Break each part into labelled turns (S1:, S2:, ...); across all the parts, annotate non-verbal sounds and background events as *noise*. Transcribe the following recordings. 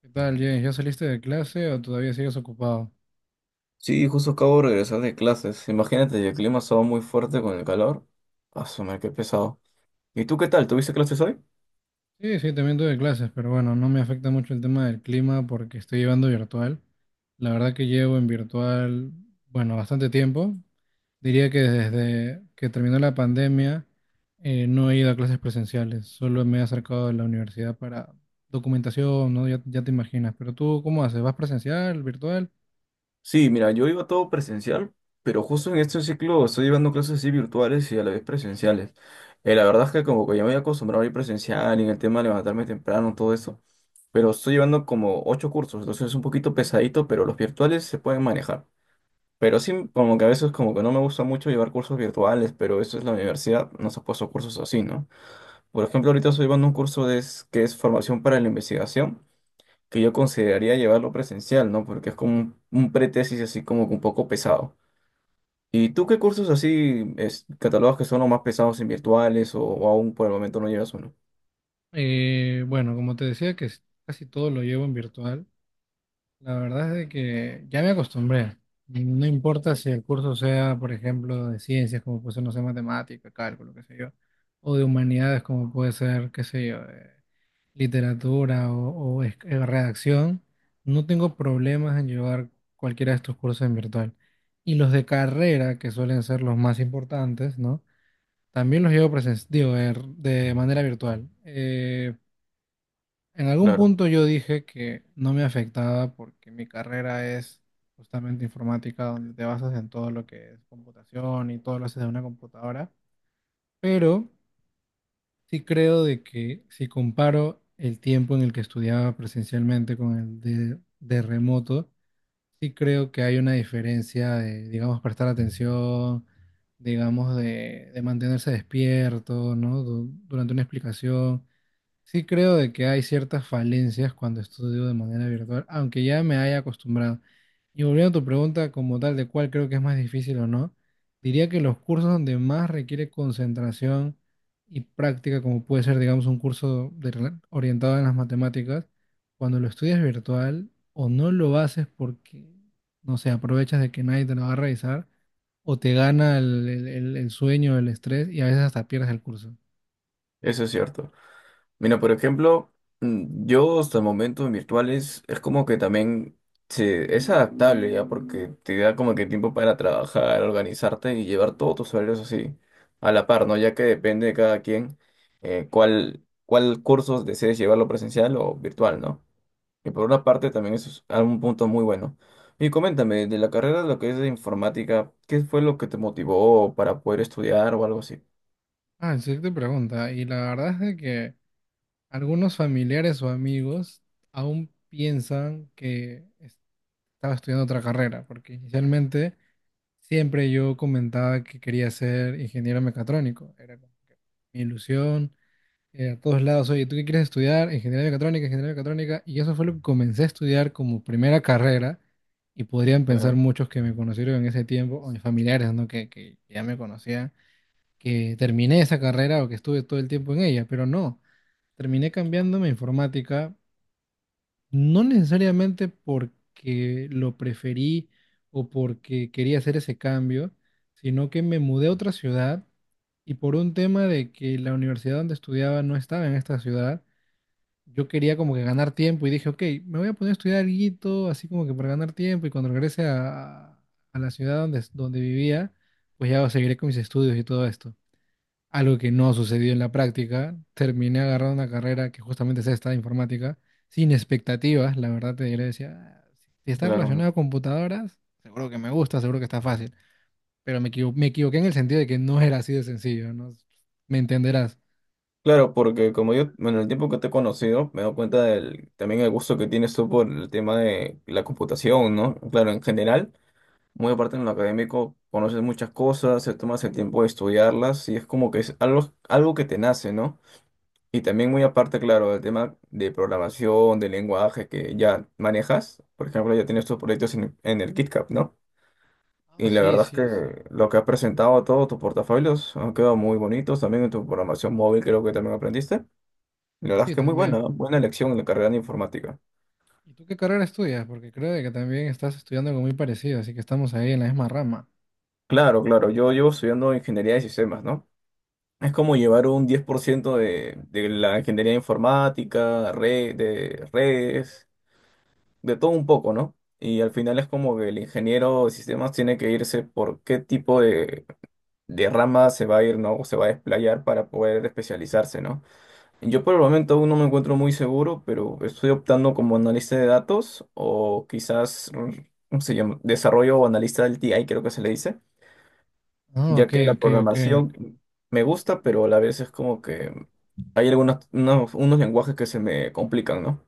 S1: ¿Qué tal, James? ¿Ya saliste de clase o todavía sigues ocupado?
S2: Sí, justo acabo de regresar de clases. Imagínate, y el clima estaba muy fuerte con el calor. Asumir qué pesado. ¿Y tú qué tal? ¿Tuviste clases hoy?
S1: Sí, sí, también tuve clases, pero bueno, no me afecta mucho el tema del clima porque estoy llevando virtual. La verdad que llevo en virtual, bueno, bastante tiempo. Diría que desde que terminó la pandemia no he ido a clases presenciales, solo me he acercado a la universidad para documentación, ¿no? Ya, ya te imaginas. Pero tú, ¿cómo haces? ¿Vas presencial, virtual?
S2: Sí, mira, yo iba todo presencial, pero justo en este ciclo estoy llevando clases así virtuales y a la vez presenciales. La verdad es que como que ya me había acostumbrado a ir presencial y en el tema de levantarme temprano, todo eso. Pero estoy llevando como 8 cursos, entonces es un poquito pesadito, pero los virtuales se pueden manejar. Pero sí, como que a veces como que no me gusta mucho llevar cursos virtuales, pero eso es la universidad, nos ha puesto cursos así, ¿no? Por ejemplo, ahorita estoy llevando un curso de, que es formación para la investigación, que yo consideraría llevarlo presencial, ¿no? Porque es como un pretesis así como que un poco pesado. ¿Y tú qué cursos así es, catalogas que son los más pesados en virtuales o aún por el momento no llevas uno?
S1: Bueno, como te decía, casi todo lo llevo en virtual. La verdad es de que ya me acostumbré. No importa si el curso sea, por ejemplo, de ciencias, como puede ser, no sé, matemática, cálculo, qué sé yo, o de humanidades, como puede ser, qué sé yo, literatura redacción, no tengo problemas en llevar cualquiera de estos cursos en virtual. Y los de carrera, que suelen ser los más importantes, ¿no? También los llevo digo, de manera virtual. En algún
S2: Claro,
S1: punto yo dije que no me afectaba porque mi carrera es justamente informática, donde te basas en todo lo que es computación y todo lo haces de una computadora, pero sí creo de que si comparo el tiempo en el que estudiaba presencialmente con el de remoto, sí creo que hay una diferencia de, digamos, prestar atención, digamos, de mantenerse despierto, ¿no? Durante una explicación. Sí creo de que hay ciertas falencias cuando estudio de manera virtual, aunque ya me haya acostumbrado. Y volviendo a tu pregunta como tal de cuál creo que es más difícil o no, diría que los cursos donde más requiere concentración y práctica, como puede ser, digamos, un curso de orientado en las matemáticas, cuando lo estudias virtual o no lo haces porque, no sé, aprovechas de que nadie te lo va a revisar, o te gana el sueño, el estrés y a veces hasta pierdes el curso.
S2: eso es cierto. Mira, por ejemplo, yo hasta el momento virtuales es como que también es adaptable ya porque te da como que tiempo para trabajar, organizarte y llevar todos tus horarios así a la par, ¿no? Ya que depende de cada quien cuál cursos desees llevarlo presencial o virtual, ¿no? Y por una parte también eso es un punto muy bueno. Y coméntame, de la carrera de lo que es de informática, ¿qué fue lo que te motivó para poder estudiar o algo así?
S1: Ah, sí te pregunta. Y la verdad es de que algunos familiares o amigos aún piensan que estaba estudiando otra carrera, porque inicialmente siempre yo comentaba que quería ser ingeniero mecatrónico. Era como que mi ilusión, a todos lados, oye, ¿tú qué quieres estudiar? Ingeniería mecatrónica, ingeniería mecatrónica. Y eso fue lo que comencé a estudiar como primera carrera. Y podrían pensar
S2: Claro,
S1: muchos que me conocieron en ese tiempo, o mis familiares, ¿no? Que ya me conocían, que terminé esa carrera o que estuve todo el tiempo en ella, pero no, terminé cambiándome a informática, no necesariamente porque lo preferí o porque quería hacer ese cambio, sino que me mudé a otra ciudad y por un tema de que la universidad donde estudiaba no estaba en esta ciudad, yo quería como que ganar tiempo y dije, ok, me voy a poner a estudiar algo, así como que para ganar tiempo y cuando regrese a la ciudad donde vivía, pues ya seguiré con mis estudios y todo esto algo que no sucedió en la práctica. Terminé agarrando una carrera que justamente es esta, informática, sin expectativas, la verdad te diré, decía: "Ah, si está
S2: claro.
S1: relacionado a computadoras, seguro que me gusta, seguro que está fácil, pero me equivoqué en el sentido de que no era así de sencillo, ¿no? Me entenderás".
S2: Claro, porque como yo, bueno, en el tiempo que te he conocido, me he dado cuenta del, también el gusto que tienes tú por el tema de la computación, ¿no? Claro, en general, muy aparte en lo académico, conoces muchas cosas, te tomas el tiempo de estudiarlas y es como que es algo, algo que te nace, ¿no? Y también muy aparte, claro, el tema de programación, de lenguaje que ya manejas, por ejemplo, ya tienes tus proyectos en el KitKat, ¿no?
S1: Ah,
S2: Y la
S1: sí,
S2: verdad es
S1: sí, sí.
S2: que lo que has presentado, todos tus portafolios han quedado muy bonitos, también en tu programación móvil creo que también aprendiste. La verdad es
S1: Sí,
S2: que muy buena,
S1: también.
S2: ¿no? Buena elección en la carrera de informática.
S1: ¿Y tú qué carrera estudias? Porque creo de que también estás estudiando algo muy parecido, así que estamos ahí en la misma rama.
S2: Claro, claro, yo llevo estudiando ingeniería de sistemas, ¿no? Es como llevar un 10% de la ingeniería informática, red, de redes, de todo un poco, ¿no? Y al final es como que el ingeniero de sistemas tiene que irse por qué tipo de rama se va a ir, ¿no? O se va a desplayar para poder especializarse, ¿no? Yo por el momento aún no me encuentro muy seguro, pero estoy optando como analista de datos o quizás, ¿cómo se llama? Desarrollo o analista del TI, creo que se le dice,
S1: Ah,
S2: ya
S1: ok,
S2: que la
S1: ok, ok.
S2: programación me gusta, pero a la vez es como que hay algunos unos lenguajes que se me complican, ¿no?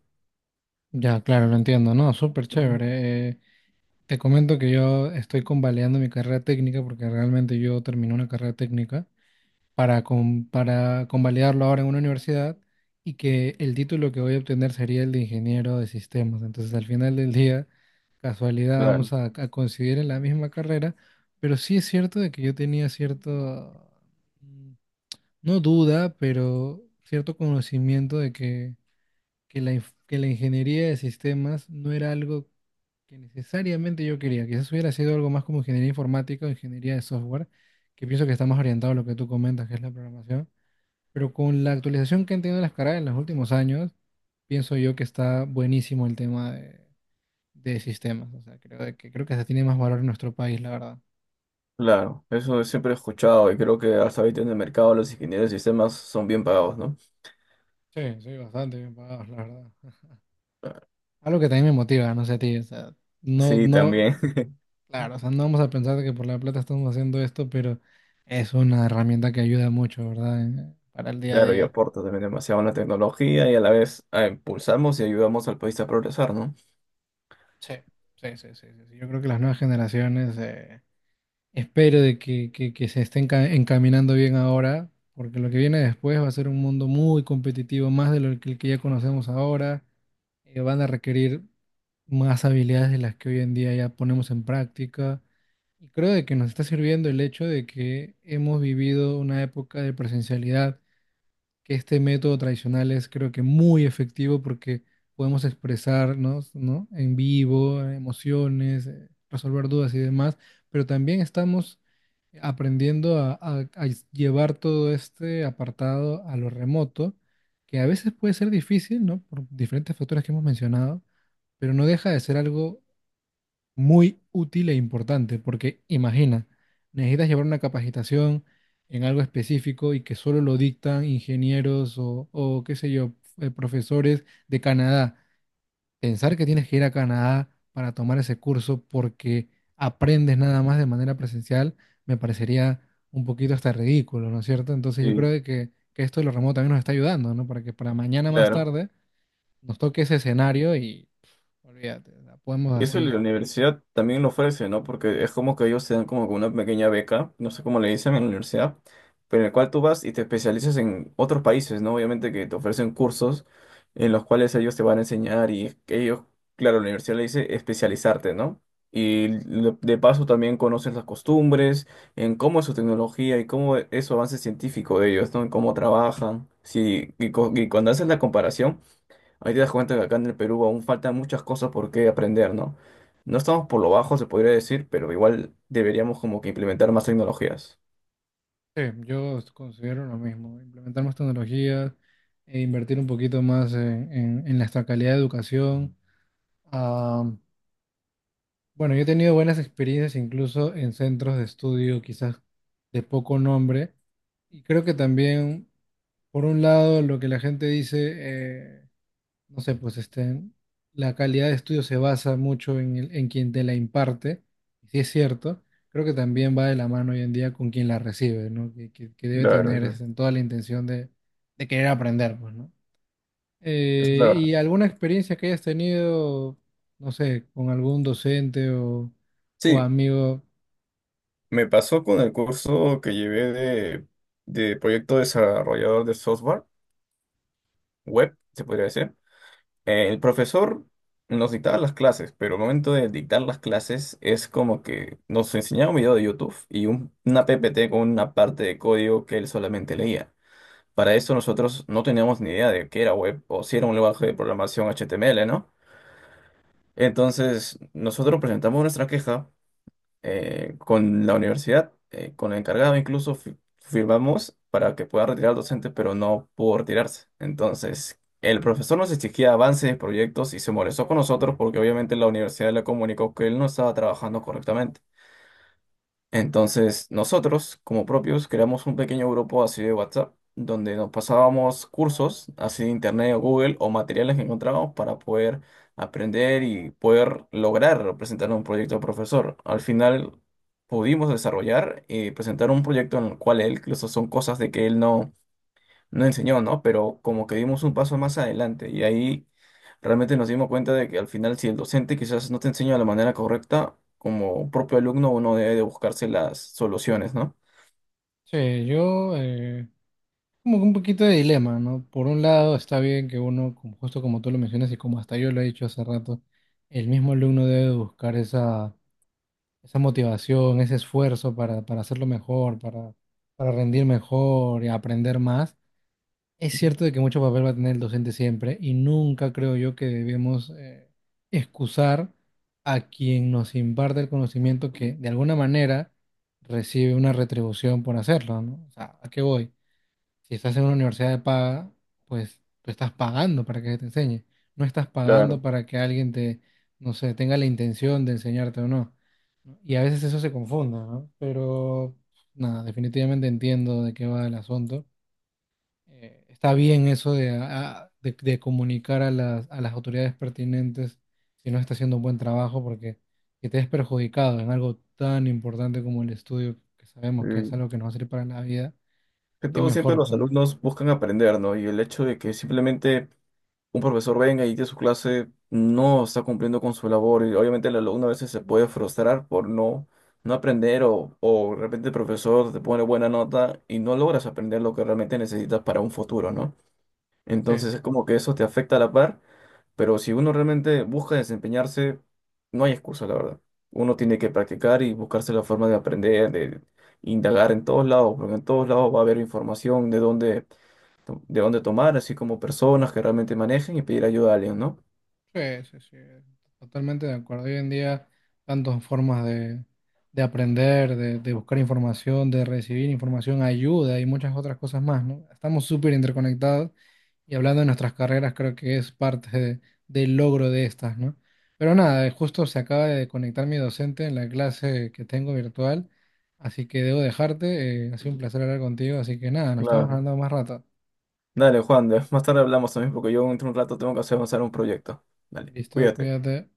S1: Ya, claro, lo entiendo, ¿no? Súper
S2: Ujú.
S1: chévere. Te comento que yo estoy convalidando mi carrera técnica porque realmente yo terminé una carrera técnica para, para convalidarlo ahora en una universidad y que el título que voy a obtener sería el de ingeniero de sistemas. Entonces al final del día, casualidad,
S2: Claro,
S1: vamos a coincidir en la misma carrera, pero sí es cierto de que yo tenía cierto, mm, no duda, pero cierto conocimiento de que que la ingeniería de sistemas no era algo que necesariamente yo quería. Quizás hubiera sido algo más como ingeniería informática o ingeniería de software, que pienso que está más orientado a lo que tú comentas, que es la programación. Pero con la actualización que han tenido las carreras en los últimos años, pienso yo que está buenísimo el tema de sistemas. O sea, creo que se tiene más valor en nuestro país, la verdad.
S2: claro, eso siempre he escuchado y creo que hasta ahorita en el mercado los ingenieros de sistemas son bien pagados, ¿no?
S1: Sí, sí, bastante bien pagados, la verdad. *laughs* Algo que también me motiva, no sé a ti, o sea, no,
S2: Sí,
S1: no.
S2: también, *laughs*
S1: Claro, o sea, no vamos a pensar que por la plata estamos haciendo esto, pero es una herramienta que ayuda mucho, ¿verdad? Para el día a
S2: claro, y
S1: día.
S2: aporta también demasiado a la tecnología y a la vez impulsamos y ayudamos al país a progresar, ¿no?
S1: Sí, sí, sí, sí, sí, sí. Yo creo que las nuevas generaciones, espero de que, que se estén encaminando bien ahora, porque lo que viene después va a ser un mundo muy competitivo, más de el que ya conocemos ahora. Van a requerir más habilidades de las que hoy en día ya ponemos en práctica. Y creo de que nos está sirviendo el hecho de que hemos vivido una época de presencialidad, que este método tradicional es, creo que, muy efectivo porque podemos expresarnos, ¿no? En vivo, emociones, resolver dudas y demás, pero también estamos aprendiendo a llevar todo este apartado a lo remoto, que a veces puede ser difícil, ¿no? Por diferentes factores que hemos mencionado, pero no deja de ser algo muy útil e importante, porque imagina, necesitas llevar una capacitación en algo específico y que solo lo dictan ingenieros o qué sé yo, profesores de Canadá. Pensar que tienes que ir a Canadá para tomar ese curso porque aprendes nada más de manera presencial me parecería un poquito hasta ridículo, ¿no es cierto? Entonces yo creo
S2: Sí,
S1: de que esto de lo remoto también nos está ayudando, ¿no? Para que para mañana más
S2: claro.
S1: tarde nos toque ese escenario y olvídate, la podemos
S2: Y eso la
S1: así.
S2: universidad también lo ofrece, ¿no? Porque es como que ellos te dan como que una pequeña beca, no sé cómo le dicen en la universidad, pero en el cual tú vas y te especializas en otros países, ¿no? Obviamente que te ofrecen cursos en los cuales ellos te van a enseñar y ellos, claro, la universidad le dice especializarte, ¿no? Y de paso también conoces las costumbres, en cómo es su tecnología y cómo es su avance científico de ellos, ¿no? En cómo trabajan. Sí, y cuando haces la comparación. Ahí te das cuenta que acá en el Perú aún faltan muchas cosas por qué aprender, ¿no? No estamos por lo bajo, se podría decir, pero igual deberíamos como que implementar más tecnologías.
S1: Sí, yo considero lo mismo, implementar más tecnologías e invertir un poquito más en nuestra calidad de educación. Ah, bueno, yo he tenido buenas experiencias incluso en centros de estudio quizás de poco nombre y creo que también, por un lado, lo que la gente dice, no sé, pues este, la calidad de estudio se basa mucho en quien te la imparte, y si es cierto, creo que también va de la mano hoy en día con quien la recibe, ¿no? Que debe
S2: La
S1: tener
S2: verdad,
S1: este,
S2: sí.
S1: toda la intención de, querer aprender, pues, ¿no?
S2: Esa es la verdad.
S1: ¿Y alguna experiencia que hayas tenido, no sé, con algún docente o
S2: Sí,
S1: amigo?
S2: me pasó con el curso que llevé de proyecto desarrollador de software, web, se podría decir. El profesor nos dictaba las clases, pero al momento de dictar las clases es como que nos enseñaba un video de YouTube y una PPT con una parte de código que él solamente leía. Para eso nosotros no teníamos ni idea de qué era web o si era un lenguaje de programación HTML, ¿no? Entonces, nosotros presentamos nuestra queja con la universidad, con el encargado incluso firmamos para que pueda retirar al docente, pero no pudo retirarse. Entonces, el profesor nos exigía avances de proyectos y se molestó con nosotros porque obviamente la universidad le comunicó que él no estaba trabajando correctamente. Entonces, nosotros, como propios, creamos un pequeño grupo así de WhatsApp, donde nos pasábamos cursos así de Internet o Google o materiales que encontrábamos para poder aprender y poder lograr presentar un proyecto al profesor. Al final, pudimos desarrollar y presentar un proyecto en el cual él, incluso son cosas de que él no enseñó, ¿no? Pero como que dimos un paso más adelante y ahí realmente nos dimos cuenta de que al final si el docente quizás no te enseña de la manera correcta, como propio alumno uno debe de buscarse las soluciones, ¿no?
S1: Sí, yo. Como que un poquito de dilema, ¿no? Por un lado, está bien que uno, como- justo como tú lo mencionas y como hasta yo lo he dicho hace rato, el mismo alumno debe buscar esa motivación, ese esfuerzo para, hacerlo mejor, para rendir mejor y aprender más. Es cierto de que mucho papel va a tener el docente siempre y nunca creo yo que debemos, excusar a quien nos imparte el conocimiento que de alguna manera recibe una retribución por hacerlo, ¿no? O sea, ¿a qué voy? Si estás en una universidad de paga, pues tú estás pagando para que te enseñe. No estás pagando
S2: Claro.
S1: para que alguien te, no sé, tenga la intención de enseñarte o no. ¿No? Y a veces eso se confunda, ¿no? Pero nada, definitivamente entiendo de qué va el asunto. Está bien eso de comunicar a las autoridades pertinentes si no está haciendo un buen trabajo, porque que te es perjudicado en algo tan importante como el estudio, que sabemos que
S2: eh,
S1: es algo que nos va a servir para la vida,
S2: que
S1: qué
S2: todo siempre
S1: mejor,
S2: los
S1: pues, ¿no?
S2: alumnos buscan aprender, ¿no? Y el hecho de que simplemente un profesor venga y dé su clase, no está cumpliendo con su labor y obviamente el alumno a veces se puede frustrar por no, no aprender o de repente el profesor te pone buena nota y no logras aprender lo que realmente necesitas para un futuro, ¿no?
S1: Sí.
S2: Entonces es como que eso te afecta a la par, pero si uno realmente busca desempeñarse, no hay excusa, la verdad. Uno tiene que practicar y buscarse la forma de aprender, de indagar en todos lados, porque en todos lados va a haber información de dónde de dónde tomar, así como personas que realmente manejen y pedir ayuda a alguien, ¿no?
S1: Sí, sí, sí, totalmente de acuerdo. Hoy en día, tantas formas de, aprender, de buscar información, de recibir información, ayuda y muchas otras cosas más, ¿no? Estamos súper interconectados y hablando de nuestras carreras, creo que es parte del logro de estas, ¿no? Pero nada, justo se acaba de conectar mi docente en la clase que tengo virtual, así que debo dejarte. Ha sido un placer hablar contigo, así que nada, nos estamos
S2: Claro.
S1: hablando más rato.
S2: Dale, Juan, *laughs* más tarde hablamos también porque yo dentro de un rato tengo que hacer avanzar un proyecto. Dale,
S1: Listo,
S2: cuídate.
S1: cuídate.